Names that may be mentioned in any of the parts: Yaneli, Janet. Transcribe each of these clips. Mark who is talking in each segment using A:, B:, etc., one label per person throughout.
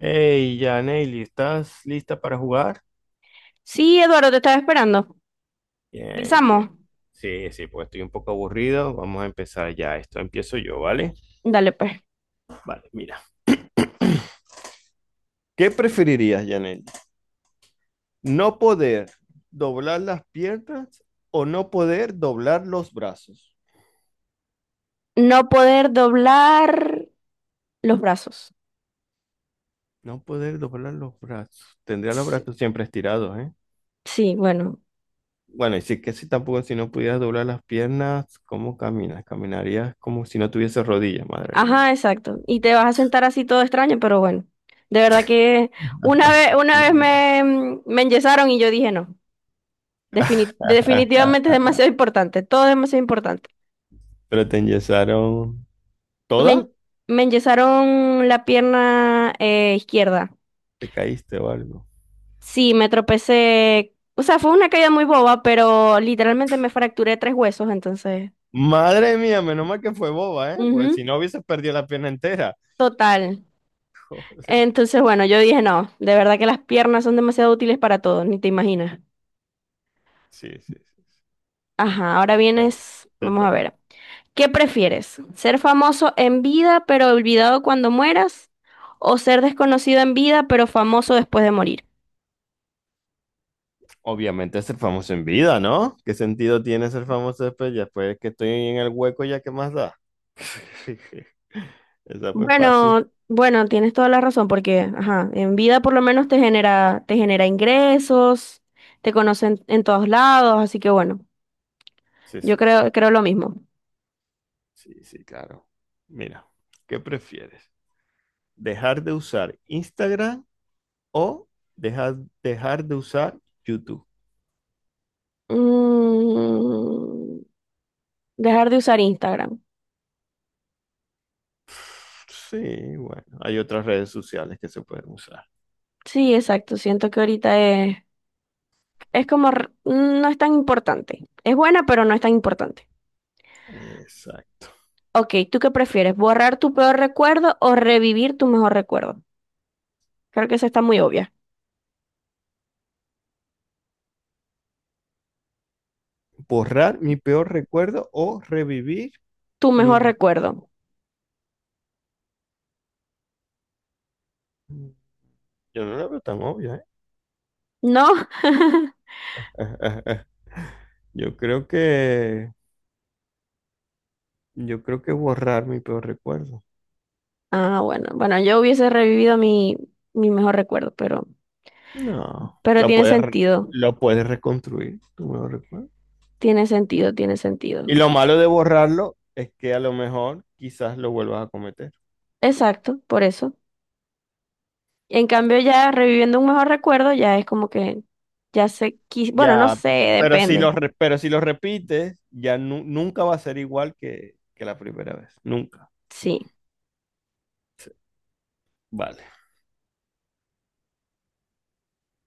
A: Hey, ya, Neily, ¿estás lista para jugar?
B: Sí, Eduardo, te estaba esperando.
A: Bien, bien.
B: Empezamos.
A: Sí, sí, pues estoy un poco aburrido. Vamos a empezar ya. Esto empiezo yo, ¿vale?
B: Dale, pues.
A: Vale, mira. ¿Qué preferirías, Yaneli? ¿No poder doblar las piernas o no poder doblar los brazos?
B: No poder doblar los brazos.
A: No poder doblar los brazos. Tendría los
B: Sí,
A: brazos siempre estirados, ¿eh?
B: sí, bueno.
A: Bueno, y sí que si tampoco si no pudieras doblar las piernas, ¿cómo caminas? Caminarías como si no tuviese rodillas, madre
B: Ajá,
A: mía.
B: exacto. Y te vas a sentar así todo extraño, pero bueno. De verdad que una vez, una vez me, me enyesaron y yo dije no. Definitivamente es demasiado importante. Todo es demasiado importante.
A: Pero te enyesaron
B: Me,
A: toda,
B: en- me enyesaron la pierna izquierda.
A: te caíste o algo.
B: Sí, me tropecé. O sea, fue una caída muy boba, pero literalmente me fracturé tres huesos, entonces.
A: Madre mía, menos mal que fue boba, ¿eh? Pues
B: Ujú.
A: si no hubieses perdido la pierna entera.
B: Total.
A: Joder.
B: Entonces, bueno, yo dije, no, de verdad que las piernas son demasiado útiles para todo, ni te imaginas.
A: Sí, sí, sí. Sí.
B: Ajá, ahora
A: Venga,
B: vienes,
A: te
B: vamos a
A: toca.
B: ver. ¿Qué prefieres? ¿Ser famoso en vida pero olvidado cuando mueras? ¿O ser desconocido en vida pero famoso después de morir?
A: Obviamente ser famoso en vida, ¿no? ¿Qué sentido tiene ser famoso después? Ya después que estoy en el hueco, ¿ya qué más da? Esa fue fácil.
B: Bueno, bueno, tienes toda la razón porque, ajá, en vida por lo menos te genera ingresos, te conocen en todos lados, así que bueno,
A: Sí,
B: yo
A: sí, sí.
B: creo, creo lo mismo.
A: Sí, sí, claro. Mira, ¿qué prefieres? ¿Dejar de usar Instagram o dejar, dejar de usar YouTube?
B: Mm. Dejar de usar Instagram.
A: Sí, bueno, hay otras redes sociales que se pueden usar.
B: Sí, exacto. Siento que ahorita es como, no es tan importante. Es buena, pero no es tan importante.
A: Exacto.
B: Ok, ¿tú qué prefieres? ¿Borrar tu peor recuerdo o revivir tu mejor recuerdo? Creo que esa está muy obvia.
A: Borrar mi peor recuerdo o revivir
B: Tu
A: mi...
B: mejor
A: me-
B: recuerdo.
A: Yo no la veo tan obvia, ¿eh?
B: No.
A: Yo creo que... Yo creo que borrar mi peor recuerdo.
B: Ah, bueno. Bueno, yo hubiese revivido mi mejor recuerdo,
A: No,
B: pero tiene sentido.
A: lo puedes reconstruir, tu mejor recuerdo.
B: Tiene sentido, tiene
A: Y
B: sentido.
A: lo malo de borrarlo es que a lo mejor quizás lo vuelvas a cometer.
B: Exacto, por eso. En cambio, ya reviviendo un mejor recuerdo, ya es como que ya sé, bueno, no
A: Ya,
B: sé,
A: pero
B: depende.
A: pero si lo repites, ya nunca va a ser igual que la primera vez. Nunca.
B: Sí.
A: Vale.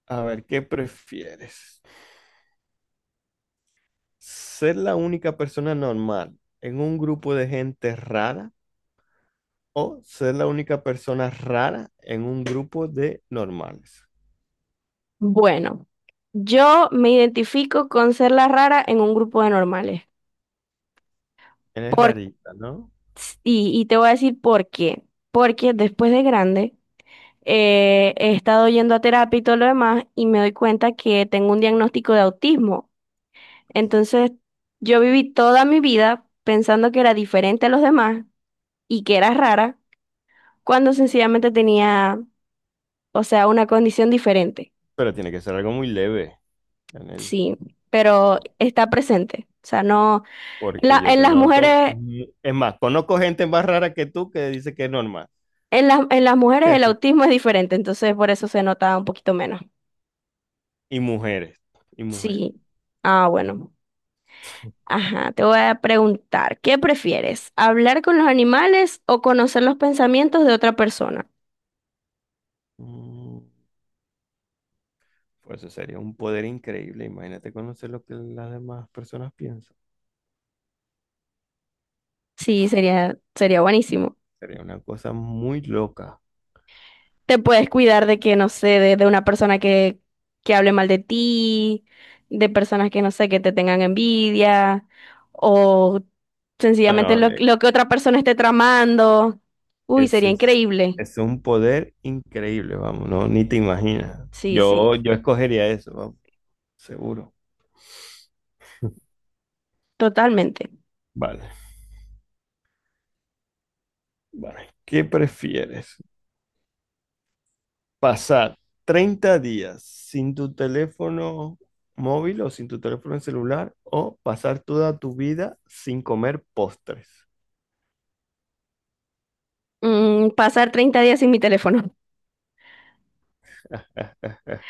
A: A ver, ¿qué prefieres? ¿Ser la única persona normal en un grupo de gente rara o ser la única persona rara en un grupo de normales?
B: Bueno, yo me identifico con ser la rara en un grupo de normales.
A: Eres
B: Por,
A: rarita, ¿no?
B: y te voy a decir por qué. Porque después de grande he estado yendo a terapia y todo lo demás y me doy cuenta que tengo un diagnóstico de autismo. Entonces, yo viví toda mi vida pensando que era diferente a los demás y que era rara, cuando sencillamente tenía, o sea, una condición diferente.
A: Pero tiene que ser algo muy leve, Yaneli.
B: Sí, pero
A: por-
B: está presente. O sea, no,
A: Porque yo
B: en
A: te
B: las
A: noto.
B: mujeres,
A: Es más, conozco gente más rara que tú que dice que es normal.
B: en las mujeres el autismo es diferente, entonces por eso se nota un poquito menos.
A: Y mujeres. Y mujeres.
B: Sí. Ah, bueno. Ajá, te voy a preguntar, ¿qué prefieres? ¿Hablar con los animales o conocer los pensamientos de otra persona?
A: Mm, Pues eso sería un poder increíble. Imagínate conocer lo que las demás personas piensan.
B: Sí, sería buenísimo.
A: Sería una cosa muy loca.
B: Te puedes cuidar de que, no sé, de una persona que hable mal de ti, de personas que, no sé, que te tengan envidia, o sencillamente
A: Bueno,
B: lo que otra persona esté tramando. Uy, sería
A: ese es,
B: increíble.
A: ese es un poder increíble, vamos, no, ni te imaginas.
B: Sí,
A: Yo,
B: sí,
A: yo escogería eso, vamos, seguro.
B: totalmente.
A: Vale, vale. ¿Qué prefieres? ¿Pasar 30 días sin tu teléfono móvil o sin tu teléfono celular o pasar toda tu vida sin comer postres?
B: Mm, pasar 30 días sin mi teléfono.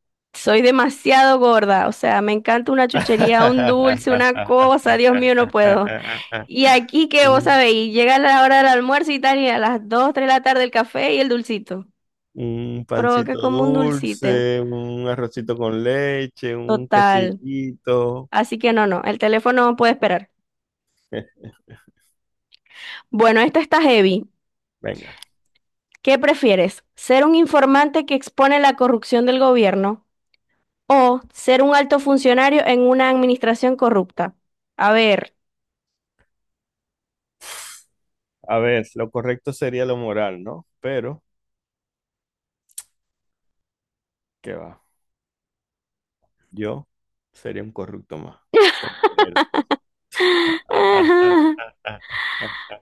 B: Soy demasiado gorda, o sea, me encanta una chuchería, un dulce, una cosa, Dios mío, no puedo. Y aquí que vos
A: Un
B: sabéis, llega la hora del almuerzo y tal, y a las 2, 3 de la tarde el café y el dulcito.
A: un
B: Provoca
A: pancito
B: como un dulcito.
A: dulce, un arrocito con leche, un
B: Total.
A: quesillito.
B: Así que no, no, el teléfono no puede esperar.
A: Eh,
B: Bueno, esta está heavy.
A: Venga,
B: ¿Qué prefieres? ¿Ser un informante que expone la corrupción del gobierno o ser un alto funcionario en una administración corrupta? A ver.
A: a ver, lo correcto sería lo moral, ¿no? Pero, ¿qué va? Yo sería un corrupto más, con dinero.
B: Ajá.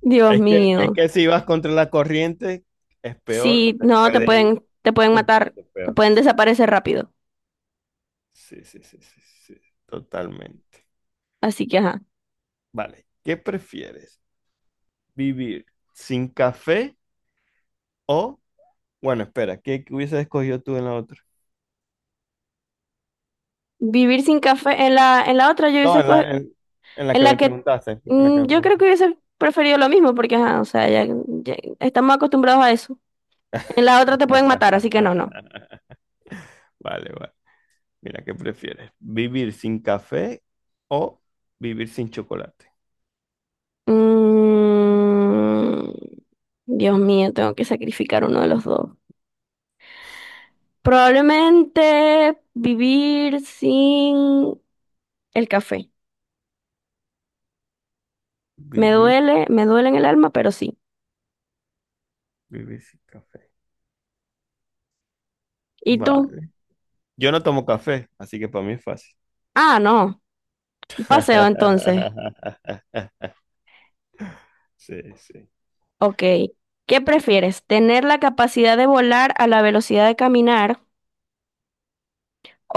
B: Dios
A: Es que, es
B: mío.
A: que si vas contra la corriente, es peor o
B: Sí,
A: te
B: no,
A: puede ir
B: te pueden matar,
A: incluso
B: te
A: peor.
B: pueden
A: Sí,
B: desaparecer rápido.
A: sí, sí, sí, sí, sí, totalmente.
B: Así que, ajá.
A: Vale, ¿qué prefieres? ¿Vivir sin café o, bueno, espera, ¿qué hubieses escogido tú en la otra?
B: Vivir sin café en la otra, yo
A: No,
B: hubiese
A: en la, en, en la
B: en
A: que me
B: la que
A: preguntaste, en la que
B: mm,
A: me
B: yo creo que
A: preguntaste.
B: hubiese preferido lo mismo, porque, ajá, o sea, ya, ya estamos acostumbrados a eso. En la otra te pueden matar, así que no, no.
A: Vale, vale. Mira, ¿qué prefieres? ¿Vivir sin café o vivir sin chocolate?
B: Mm, Dios mío, tengo que sacrificar uno de los dos. Probablemente vivir sin el café.
A: Vivir,
B: Me duele en el alma, pero sí.
A: vivir sin café.
B: ¿Y tú?
A: Vale. Yo no tomo café, así que para mí es fácil.
B: Ah, no. Un Paseo entonces.
A: Sí, sí.
B: Ok. ¿Qué prefieres? ¿Tener la capacidad de volar a la velocidad de caminar,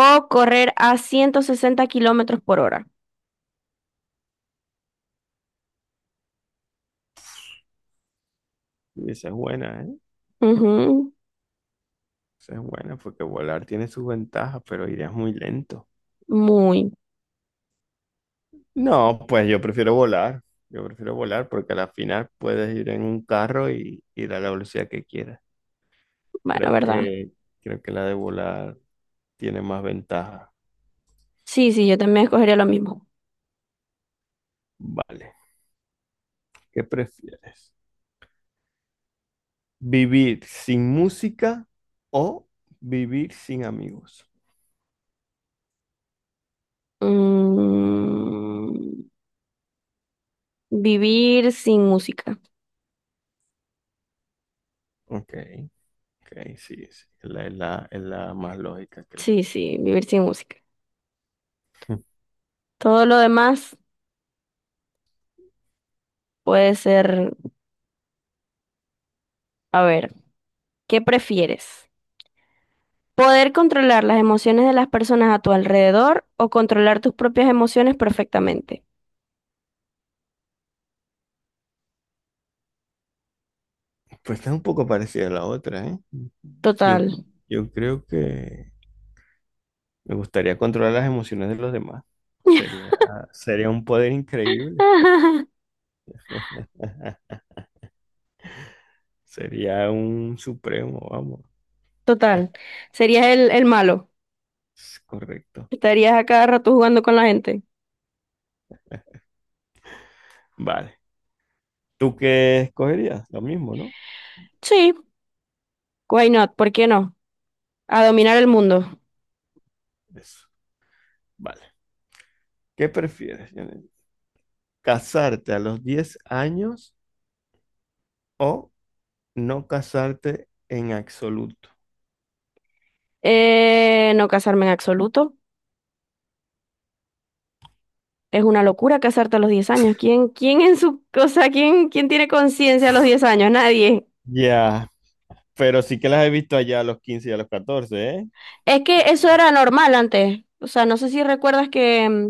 B: o correr a 160 kilómetros por hora?
A: Esa es buena, ¿eh?
B: Ujú.
A: Eso es bueno, porque volar tiene sus ventajas, pero irías muy lento.
B: Muy
A: No, pues yo prefiero volar. Yo prefiero volar porque a la final puedes ir en un carro y ir a la velocidad que quieras.
B: bueno,
A: Creo
B: ¿verdad?
A: que, creo que la de volar tiene más ventajas.
B: Sí, sí, yo también escogería lo mismo.
A: Vale. ¿Qué prefieres? ¿Vivir sin música o vivir sin amigos?
B: Mm, vivir sin música.
A: Ok, ok, sí, sí. Es la más lógica, creo.
B: Sí, sí, vivir sin música. Todo lo demás puede ser, a ver, ¿qué prefieres? ¿Poder controlar las emociones de las personas a tu alrededor o controlar tus propias emociones perfectamente?
A: Pues está un poco parecida a la otra, ¿eh? Yo,
B: Total.
A: yo creo que me gustaría controlar las emociones de los demás. Sería, sería un poder increíble. Sería un supremo, vamos.
B: Total. Serías el malo.
A: Es correcto.
B: Estarías a cada rato jugando con la gente.
A: Vale. ¿Tú qué escogerías? Lo mismo, ¿no?
B: Sí, why not? ¿Por qué no? A dominar el mundo.
A: Eso. Vale. ¿Qué prefieres, Janet? ¿Casarte a los 10 años o no casarte en absoluto?
B: No casarme en absoluto. Es una locura casarte a los 10 años. ¿Quién, quién en su cosa, quién, quién tiene conciencia a los 10 años? Nadie.
A: Ya, pero sí que las he visto allá a los 15 y a los 14, ¿eh?
B: Es que eso era normal antes. O sea, no sé si recuerdas que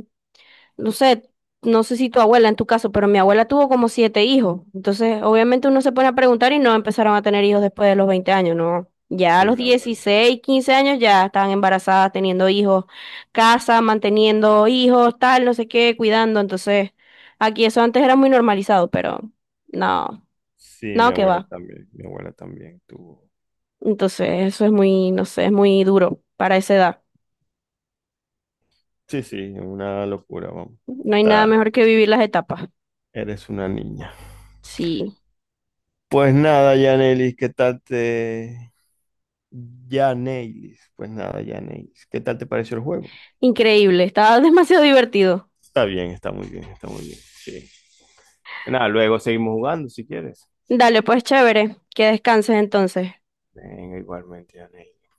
B: no sé, no sé si tu abuela en tu caso, pero mi abuela tuvo como 7 hijos. Entonces, obviamente uno se pone a preguntar y no empezaron a tener hijos después de los 20 años, ¿no? Ya a
A: Sí,
B: los
A: mi abuela.
B: 16, 15 años ya estaban embarazadas, teniendo hijos, casa, manteniendo hijos, tal, no sé qué, cuidando. Entonces, aquí eso antes era muy normalizado, pero no,
A: Sí, mi
B: no que
A: abuela
B: va.
A: también. Mi abuela también tuvo.
B: Entonces, eso es muy, no sé, es muy duro para esa edad.
A: Sí, sí, una locura, vamos.
B: No hay nada
A: Está,
B: mejor que vivir las etapas.
A: Eres una niña.
B: Sí,
A: Pues nada, Yanelis, ¿qué tal te... Yanelis, pues nada, Yanelis, ¿qué tal te pareció el juego?
B: increíble, estaba demasiado divertido.
A: Está bien, está muy bien, está muy bien. Sí. Nada, luego seguimos jugando si quieres.
B: Dale, pues chévere, que descanses entonces.
A: Venga, igualmente, Yanelis.